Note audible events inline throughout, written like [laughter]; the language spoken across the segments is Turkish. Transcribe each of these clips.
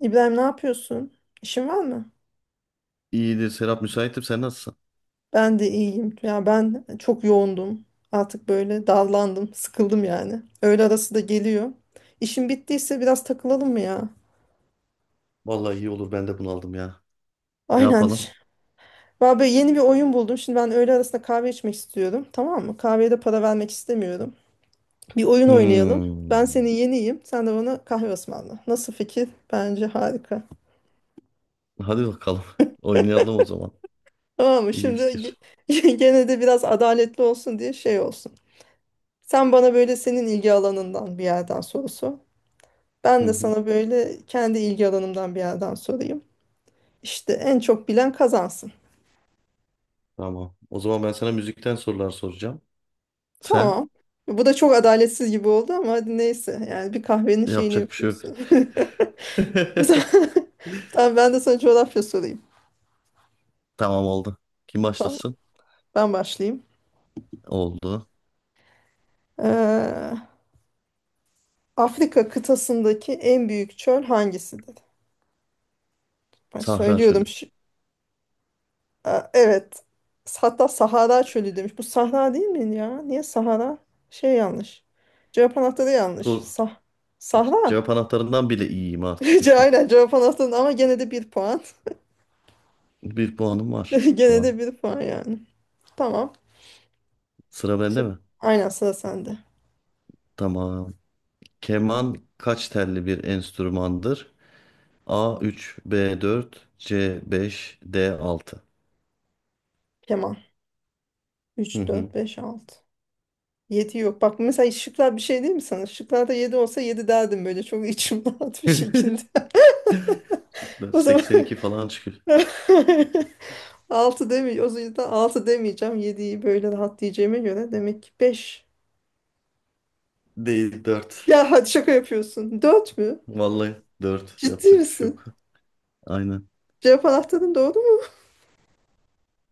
İbrahim ne yapıyorsun? İşin var mı? İyidir Serap, müsaitim, sen nasılsın? Ben de iyiyim. Ya ben çok yoğundum. Artık böyle dallandım, sıkıldım yani. Öğle arası da geliyor. İşin bittiyse biraz takılalım mı ya? Vallahi iyi olur, ben de bunaldım ya. Ne Aynen. yapalım? [laughs] Vallahi böyle yeni bir oyun buldum. Şimdi ben öğle arasında kahve içmek istiyorum. Tamam mı? Kahveye de para vermek istemiyorum. Bir oyun oynayalım. Ben senin Hmm. yeniyim. Sen de bana kahve ısmarla. Nasıl fikir? Bence harika. Hadi bakalım. [laughs] Oynayalım o zaman. Tamam mı? İyi Şimdi fikir. [laughs] Gene de biraz adaletli olsun diye şey olsun. Sen bana böyle senin ilgi alanından bir yerden soru sor. Hı Ben de hı. sana böyle kendi ilgi alanımdan bir yerden sorayım. İşte en çok bilen kazansın. Tamam. O zaman ben sana müzikten sorular soracağım. Sen, Tamam. Bu da çok adaletsiz gibi oldu ama hadi neyse. Yani bir kahvenin şeyini yapacak bir şey yok. yapıyorsun. [laughs] Bu da- [laughs] [laughs] Tamam ben de sana coğrafya sorayım. Tamam oldu. Kim Tamam, başlasın? ben başlayayım. Oldu. Ee, Afrika kıtasındaki en büyük çöl hangisidir? Ben Sahra söylüyorum. Çölü. Aa, evet. Hatta Sahara çölü demiş. Bu Sahra değil mi ya? Niye Sahara? Şey yanlış. Cevap anahtarı yanlış. Tur. Sah Sahra. Cevap anahtarından bile iyiyim artık, [laughs] düşün. Aynen cevap anahtarı ama gene de bir puan. Bir puanım var [laughs] şu Gene an. de bir puan yani. Tamam. Sıra bende Şimdi, mi? aynen sıra sende. Tamam. Keman kaç telli bir enstrümandır? A üç, b dört, c beş, d altı. Kemal. Hı Üç hı. dört beş 6. 7 yok. Bak mesela şıklar bir şey değil mi sana? Şıklarda 7 olsa 7 derdim böyle. Çok içim [laughs] rahat bir şekilde. [laughs] [laughs] Şıklar O zaman [laughs] 82 falan çıkıyor. [laughs] altı demeyeceğim. O yüzden altı demeyeceğim. Yediyi böyle rahat diyeceğime göre demek ki beş. Değil, dört. Ya hadi şaka yapıyorsun. Dört mü? Vallahi 4. Ciddi Yapacak bir şey misin? yok. Aynen. Cevap anahtarın doğru mu?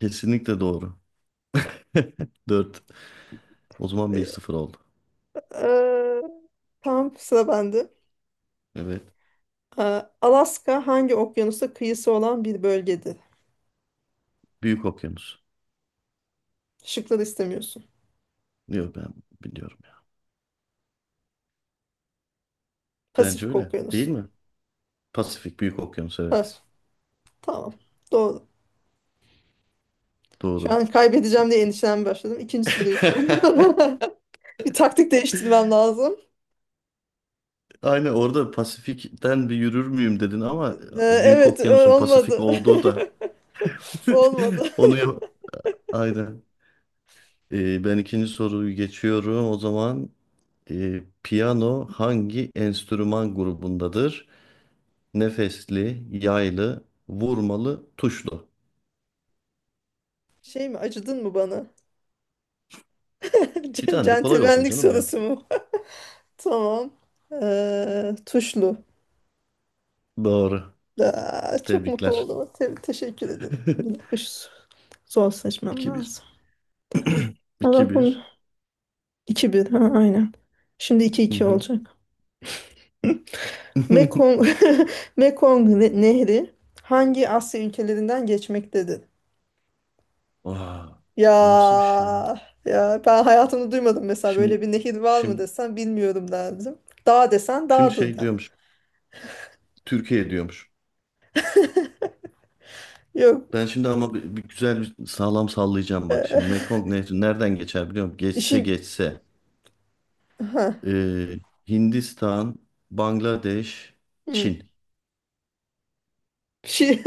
Kesinlikle doğru. [laughs] Dört. O zaman bir sıfır oldu. Ee, tamam sıra bende. Evet. Ee, Alaska hangi okyanusa kıyısı olan bir bölgedir? Büyük okyanus. Şıkları istemiyorsun. Diyor, ben biliyorum ya. Bence Pasifik öyle. Değil Okyanusu. mi? Pasifik, Büyük Okyanus, evet. Pas. Tamam. Doğru. Şu Doğru. an kaybedeceğim diye endişelenmeye başladım. İkinci soruyu sor. [laughs] [laughs] Bir taktik değiştirmem lazım. Aynen, orada Pasifik'ten bir yürür müyüm dedin ama Ee, Büyük Evet, Okyanus'un Pasifik olmadı. [laughs] olduğu da [laughs] Olmadı. onu ya- Aynen. Ben ikinci soruyu geçiyorum. O zaman piyano hangi enstrüman grubundadır? Nefesli, yaylı, vurmalı, tuşlu. [laughs] Şey mi, acıdın mı bana? [laughs] Bir tane de kolay olsun Centilmenlik canım yani. sorusu mu? [laughs] Tamam. Tuşlu. Doğru. Aa, çok mutlu Tebrikler. oldum. Teşekkür ederim. Bir [laughs] dakika şu zor seçmem 2 bir. lazım. [clears throat] 2 Allah bunu bir. iki bir. Ha, aynen. Şimdi iki Hı iki hı. olacak. [laughs] Mekong, [laughs] Mekong Nehri hangi Asya ülkelerinden geçmektedir? Aa, Ya bu nasıl bir şey ya? ya ben hayatımda duymadım mesela Şimdi, böyle bir nehir var mı şimdi, desen bilmiyorum derdim. Dağ desen şimdi dağdır şey da. diyormuş. Türkiye diyormuş. Yok. Ben şimdi ama bir güzel bir sağlam sallayacağım bak şimdi. eee, Mekong Nehri nereden geçer biliyor musun? Geçse işin geçse. ha. Ee, Hindistan, Bangladeş, Hı. Çin. Şey,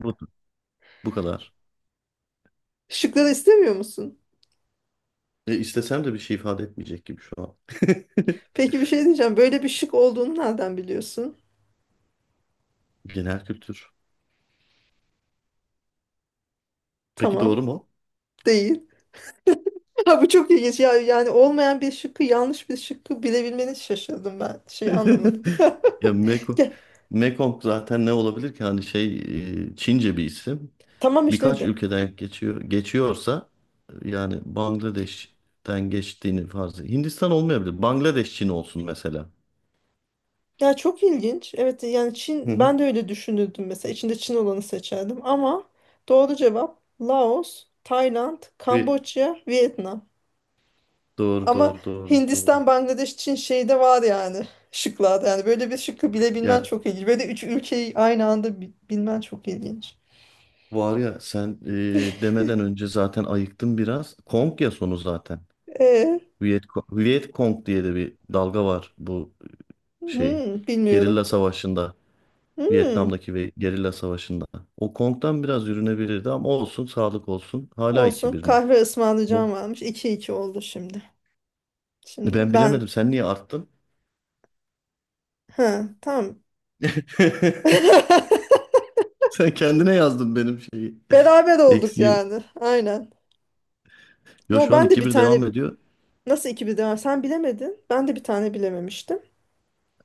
Bu, bu kadar. [laughs] şıkları istemiyor musun? İstesem de bir şey ifade etmeyecek gibi şu an. Peki bir şey diyeceğim. Böyle bir şık olduğunu nereden biliyorsun? [laughs] Genel kültür. Peki Tamam. doğru mu? Değil. [laughs] Ha, bu çok ilginç. Ya, yani olmayan bir şıkkı yanlış bir şıkkı bilebilmeni şaşırdım ben. Şey anlamadım. [laughs] [laughs] Ya Gel. Mekong zaten ne olabilir ki? Hani şey, Çince bir isim. Tamam işte. Birkaç ülkeden geçiyorsa yani Bangladeş'ten geçtiğini farz et. Hindistan olmayabilir. Bangladeş, Çin olsun mesela. Ya çok ilginç. Evet yani Hı Çin, ben hı. de öyle düşünürdüm mesela içinde Çin olanı seçerdim ama doğru cevap Laos, Tayland, Bir, Kamboçya, Vietnam. doğru Ama doğru doğru doğru. Hindistan, Bangladeş, Çin şeyde var yani [laughs] şıklarda yani böyle bir şıkkı bilebilmen Ya çok ilginç. Böyle üç ülkeyi aynı anda bilmen çok ilginç. var ya, sen demeden önce zaten ayıktın biraz. Kong ya sonu zaten. E, Viet, Viet Cong diye de bir dalga var, bu şey. hmm, Gerilla bilmiyorum. savaşında. Hmm, Vietnam'daki ve gerilla savaşında. O Kong'dan biraz yürünebilirdi ama olsun, sağlık olsun. Hala iki olsun, bir mi? kahve ısmarlayacağım varmış. İki iki oldu şimdi. Şimdi Ben bilemedim. ben, Sen niye arttın? ha tamam. [laughs] [laughs] Sen kendine yazdın benim şeyi. Beraber olduk Eksiği. yani. Aynen. Yo, No, şu an ben de iki bir bir devam tane, ediyor. nasıl iki bir sen bilemedin. Ben de bir tane bilememiştim.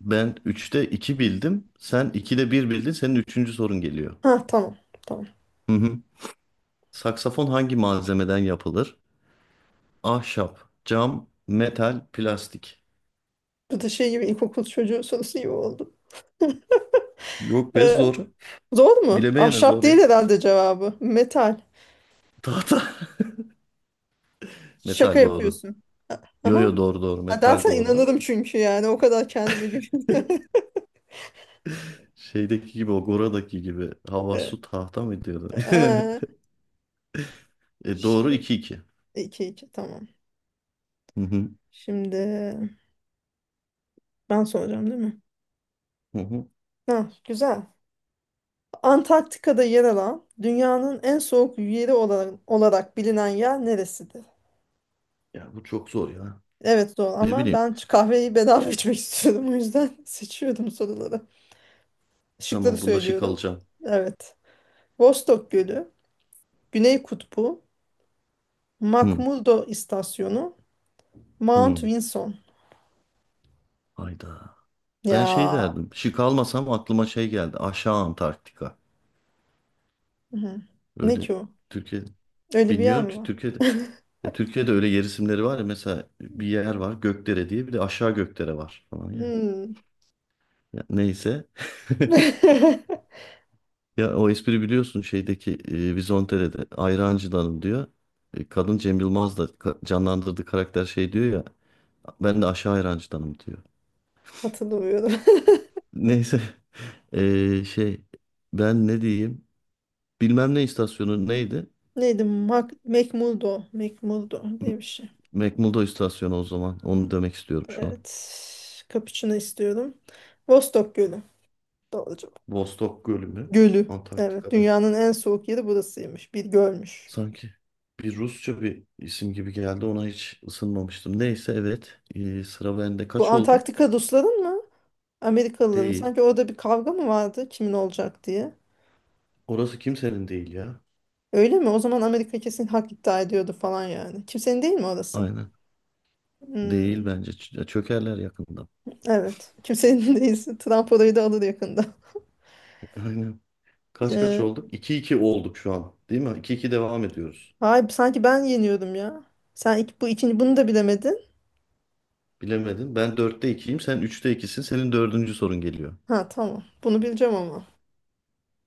Ben üçte 2 bildim. Sen 2'de bir bildin. Senin üçüncü sorun geliyor. Ha tamam. Tamam. Hı hı. Saksafon hangi malzemeden yapılır? Ahşap, cam, metal, plastik. Bu da şey gibi ilkokul çocuğu sorusu gibi oldu. Yok be, Ee, zor. zor mu? Bilemeyene Ahşap zor değil ya. herhalde cevabı. Metal. Tahta. [laughs] Şaka Metal doğru. yapıyorsun. A- Yo Aha. yo, doğru doğru. Ha, Metal dersen doğru. inanırım çünkü yani o kadar kendime güveniyorum. [laughs] Şeydeki gibi, o Gora'daki gibi. Hava Ee, su tahta mı diyordu? e, [laughs] doğru Şimdi iki iki. iki iki tamam. Hı hı. Şimdi ben soracağım değil mi? Hı hı. Ha, güzel. Antarktika'da yer alan dünyanın en soğuk yeri olarak bilinen yer neresidir? Ya bu çok zor ya. Evet doğru Ne ama bileyim. ben şu kahveyi bedava içmek istiyorum o yüzden [laughs] seçiyordum soruları. Şıkları Tamam, bunda şık söylüyorum. alacağım. Evet. Vostok Gölü, Güney Kutbu, Hı, McMurdo İstasyonu, Mount hı. Vinson. Hayda. Ben şey Ya. derdim. Şık almasam aklıma şey geldi. Aşağı Antarktika. Hı. Ne Öyle ki o? Türkiye, Öyle bir yer bilmiyorum mi ki var? Türkiye'de öyle yer isimleri var ya, mesela bir yer var Gökdere diye, bir de aşağı Gökdere var falan ya. Hmm. Ya neyse. [laughs] [laughs] Ya o espri biliyorsun, şeydeki Vizontere'de Ayrancı'danım diyor. Kadın Cem Yılmaz da canlandırdığı karakter şey diyor ya, ben de aşağı Ayrancı'danım diyor. Hatırlamıyorum. Neyse. Şey, ben ne diyeyim? Bilmem ne istasyonu neydi? [laughs] Neydi? Mac McMurdo. McMurdo M- diye bir şey. McMurdo istasyonu o zaman. Onu demek istiyorum şu an. Evet. Kapuçino istiyorum. Vostok Gölü. Doğru cevap. Vostok Gölü mü? Gölü. Evet. Antarktika'da. Dünyanın en soğuk yeri burasıymış. Bir gölmüş. Sanki bir Rusça bir isim gibi geldi. Ona hiç ısınmamıştım. Neyse, evet. Sıra bende. Bu Kaç oldu? Antarktika Rusların mı? Amerikalıların mı? Değil. Sanki orada bir kavga mı vardı kimin olacak diye. Orası kimsenin değil ya. Öyle mi? O zaman Amerika kesin hak iddia ediyordu falan yani. Kimsenin değil mi orası? Aynen. Değil Hmm. bence. Çökerler yakında. Evet. Kimsenin [laughs] değilse Trump orayı da alır yakında. [laughs] [laughs] Aynen. Kaç kaç Ee, olduk? 2 iki olduk şu an. Değil mi? 2 iki devam ediyoruz. hayır, sanki ben yeniyordum ya. Sen ilk, bu ikinci, bunu da bilemedin. Bilemedin. Ben dörtte ikiyim, sen üçte ikisin. Senin dördüncü sorun geliyor. Ha tamam. Bunu bileceğim ama.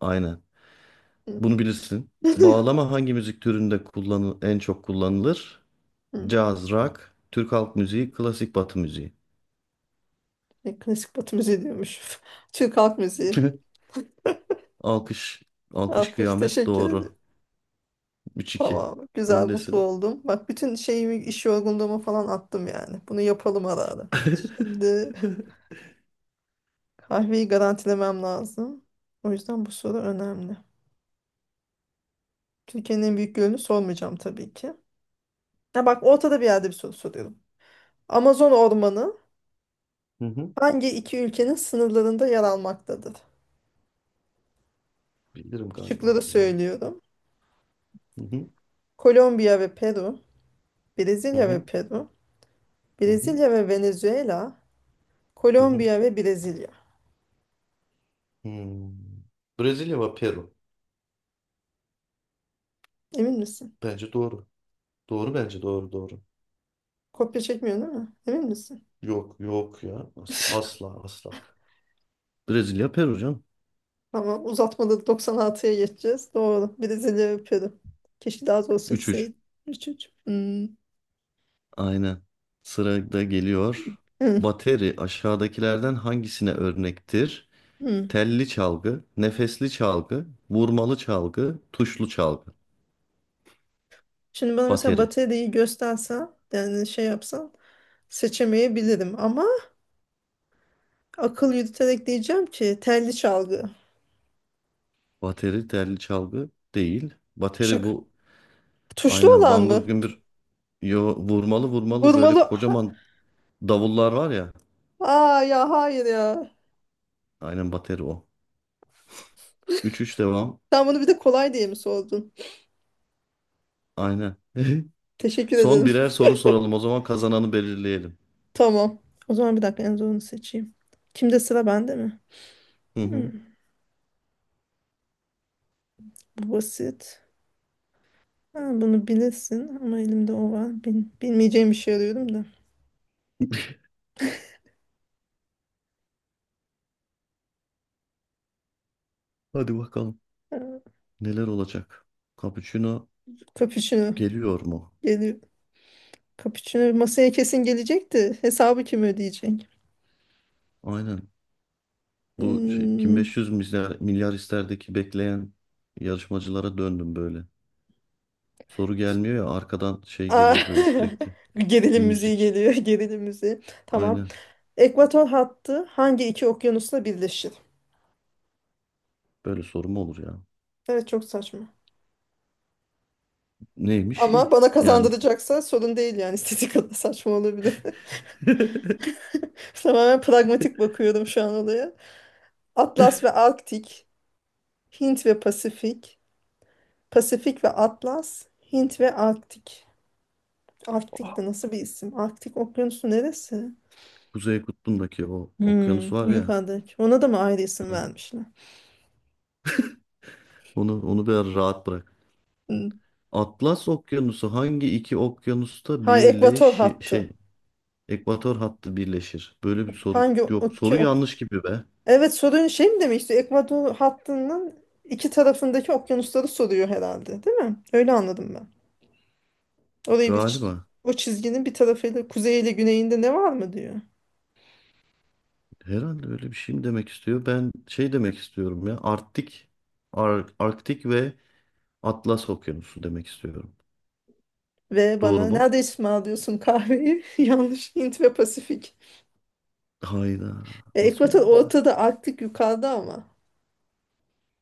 Aynen. Hı. Bunu bilirsin. [laughs] Bağlama hangi müzik türünde en çok kullanılır? Hı. Caz, rock, Türk halk müziği, klasik batı müziği. E, klasik Batı müziği diyormuş. [laughs] Türk halk müziği. [laughs] Alkış, alkış Alkış, kıyamet, teşekkür doğru. ederim. Üç iki. Tamam. Güzel, mutlu Öndesin. oldum. Bak bütün şeyimi, iş yorgunluğumu falan attım yani. Bunu yapalım ara ara. [laughs] Şimdi kahveyi garantilemem lazım. O yüzden bu soru önemli. Türkiye'nin en büyük gölünü sormayacağım tabii ki. Ha bak, ortada bir yerde bir soru soruyorum. Amazon ormanı Hı hı. hangi iki ülkenin sınırlarında yer almaktadır? Bilirim galiba Şıkları bunu ya. söylüyorum. Hı hı. Kolombiya ve Peru, Hı Brezilya ve hı. Peru, Hı hı. Brezilya ve Venezuela, Hı hı. Kolombiya ve Brezilya. Hmm. Brezilya ve Peru. Emin misin? Bence doğru. Doğru, bence doğru doğru. Kopya çekmiyor değil mi? Emin misin? Yok yok ya. Asla [laughs] asla asla. Brezilya, Peru canım. Tamam, uzatmada 96'ya geçeceğiz. Doğru. Brezilya ve Peru. Keşke daha zor 3-3. seçseydim. Üç, üç. Hmm. Aynen. Sırada geliyor. Hmm. Bateri aşağıdakilerden hangisine örnektir? Hmm. Telli çalgı, nefesli çalgı, vurmalı çalgı, tuşlu çalgı. Şimdi bana mesela Bateri. bataryayı göstersen yani şey yapsan seçemeyebilirim ama akıl yürüterek diyeceğim ki telli çalgı. Bateri telli çalgı değil. Bateri Şık. bu, Tuşlu aynen, olan bambur mı? gümbür, yo, vurmalı vurmalı, böyle Vurmalı. kocaman davullar var ya. Aa ya hayır ya. Aynen, bateri o. 3-3 devam. Sen bunu bir de kolay diye mi sordun? Aynen. [laughs] Teşekkür Son ederim. birer soru soralım o zaman, kazananı belirleyelim. Tamam. O zaman bir dakika en zorunu seçeyim. Kimde, sıra bende mi? Hı Hmm, hı. bu basit. Ha, bunu bilirsin ama elimde o var. Bilmeyeceğim bir şey arıyorum da. Hadi bakalım. Ee, Neler olacak? Cappuccino Cappuccino geliyor mu? geliyor. Cappuccino masaya kesin gelecekti. Hesabı kim ödeyecek? Aynen. Bu şey, kim Hmm. 500 milyar isterdeki bekleyen yarışmacılara döndüm böyle. Soru gelmiyor ya, arkadan şey Aa, geliyor böyle sürekli. [laughs] Bir gerilim müziği müzik. geliyor. [laughs] Gerilim müziği. Tamam. Aynen. Ekvator hattı hangi iki okyanusla birleşir? Böyle soru mu olur ya? Evet çok saçma. Neymiş ki? Ama bana Yani. kazandıracaksa sorun değil yani. [laughs] İstediği kadar saçma olabilir. [laughs] Tamamen pragmatik bakıyorum şu an olaya. Atlas ve Arktik, Hint ve Pasifik, Pasifik ve Atlas, Hint ve Arktik. Arktik de nasıl bir isim? Arktik okyanusu neresi? Kuzey Kutbu'ndaki o Hmm, okyanus var ya. yukarıdaki. Ona da mı ayrı isim Hani, vermişler? onu biraz rahat bırak. Hmm. Atlas Okyanusu hangi iki okyanusta Ha, ekvator birleşi hattı. şey Ekvator hattı birleşir. Böyle bir soru Hangi yok. okya Soru ok. yanlış gibi be. Evet, sorun şey mi demişti? Ekvator hattının iki tarafındaki okyanusları soruyor herhalde, değil mi? Öyle anladım ben. Orayı bir Galiba. o çizginin bir tarafıyla, kuzeyiyle güneyinde ne var mı diyor. Herhalde öyle bir şey mi demek istiyor? Ben şey demek istiyorum ya. Arktik, Arktik ve Atlas Okyanusu demek istiyorum. Ve Doğru bana mu? nerede ısmarlıyorsun kahveyi? [laughs] Yanlış. Hint ve Pasifik. Hayda. E, Nasıl ekvator olabilir böyle? Şey? ortada, Arktik yukarıda ama.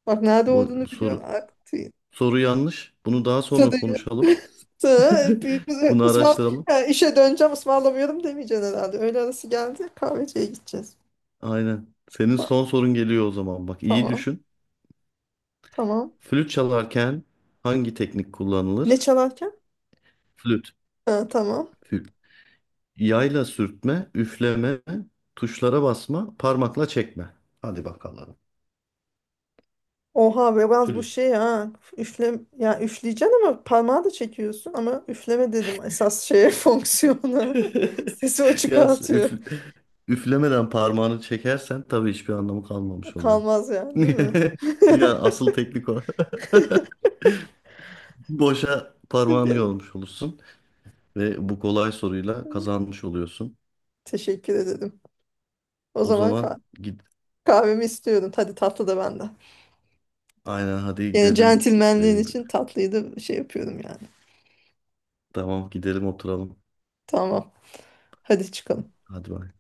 Bak nerede Bu, olduğunu bu biliyorsun Arktik. soru yanlış. Bunu daha sonra Sadece konuşalım. [laughs] sonra bir, [laughs] bir Bunu ısmar, araştıralım. ha, işe döneceğim ısmarlamıyorum demeyeceksin herhalde. Öğle arası geldi, kahveciye gideceğiz. Aynen. Senin Ta- son sorun geliyor o zaman. Bak iyi Tamam düşün. tamam. Flüt çalarken hangi teknik Ne kullanılır? çalarken? Flüt. Ha, tamam. Flüt. Yayla sürtme, üfleme, tuşlara basma, parmakla çekme. Hadi bakalım. Oha biraz bu Flüt. şey ha. Üfle, ya üfleyeceksin ama parmağı da çekiyorsun ama üfleme dedim esas şeye [laughs] fonksiyona. [laughs] [laughs] Sesi o Yalnız çıkartıyor. Üflemeden parmağını çekersen tabii hiçbir anlamı kalmamış oluyor. Kalmaz yani, değil mi? [laughs] Ya [laughs] asıl teknik o. [laughs] Boşa parmağını Peki, yormuş olursun ve bu kolay soruyla kazanmış oluyorsun. teşekkür ederim. O O zaman zaman git. kahvemi istiyorum. Hadi tatlı da benden. Aynen, hadi Yine gidelim. centilmenliğin Ee, için tatlıyı da şey yapıyorum yani. tamam, gidelim oturalım. Tamam. Hadi çıkalım. Hadi bay. Tamam.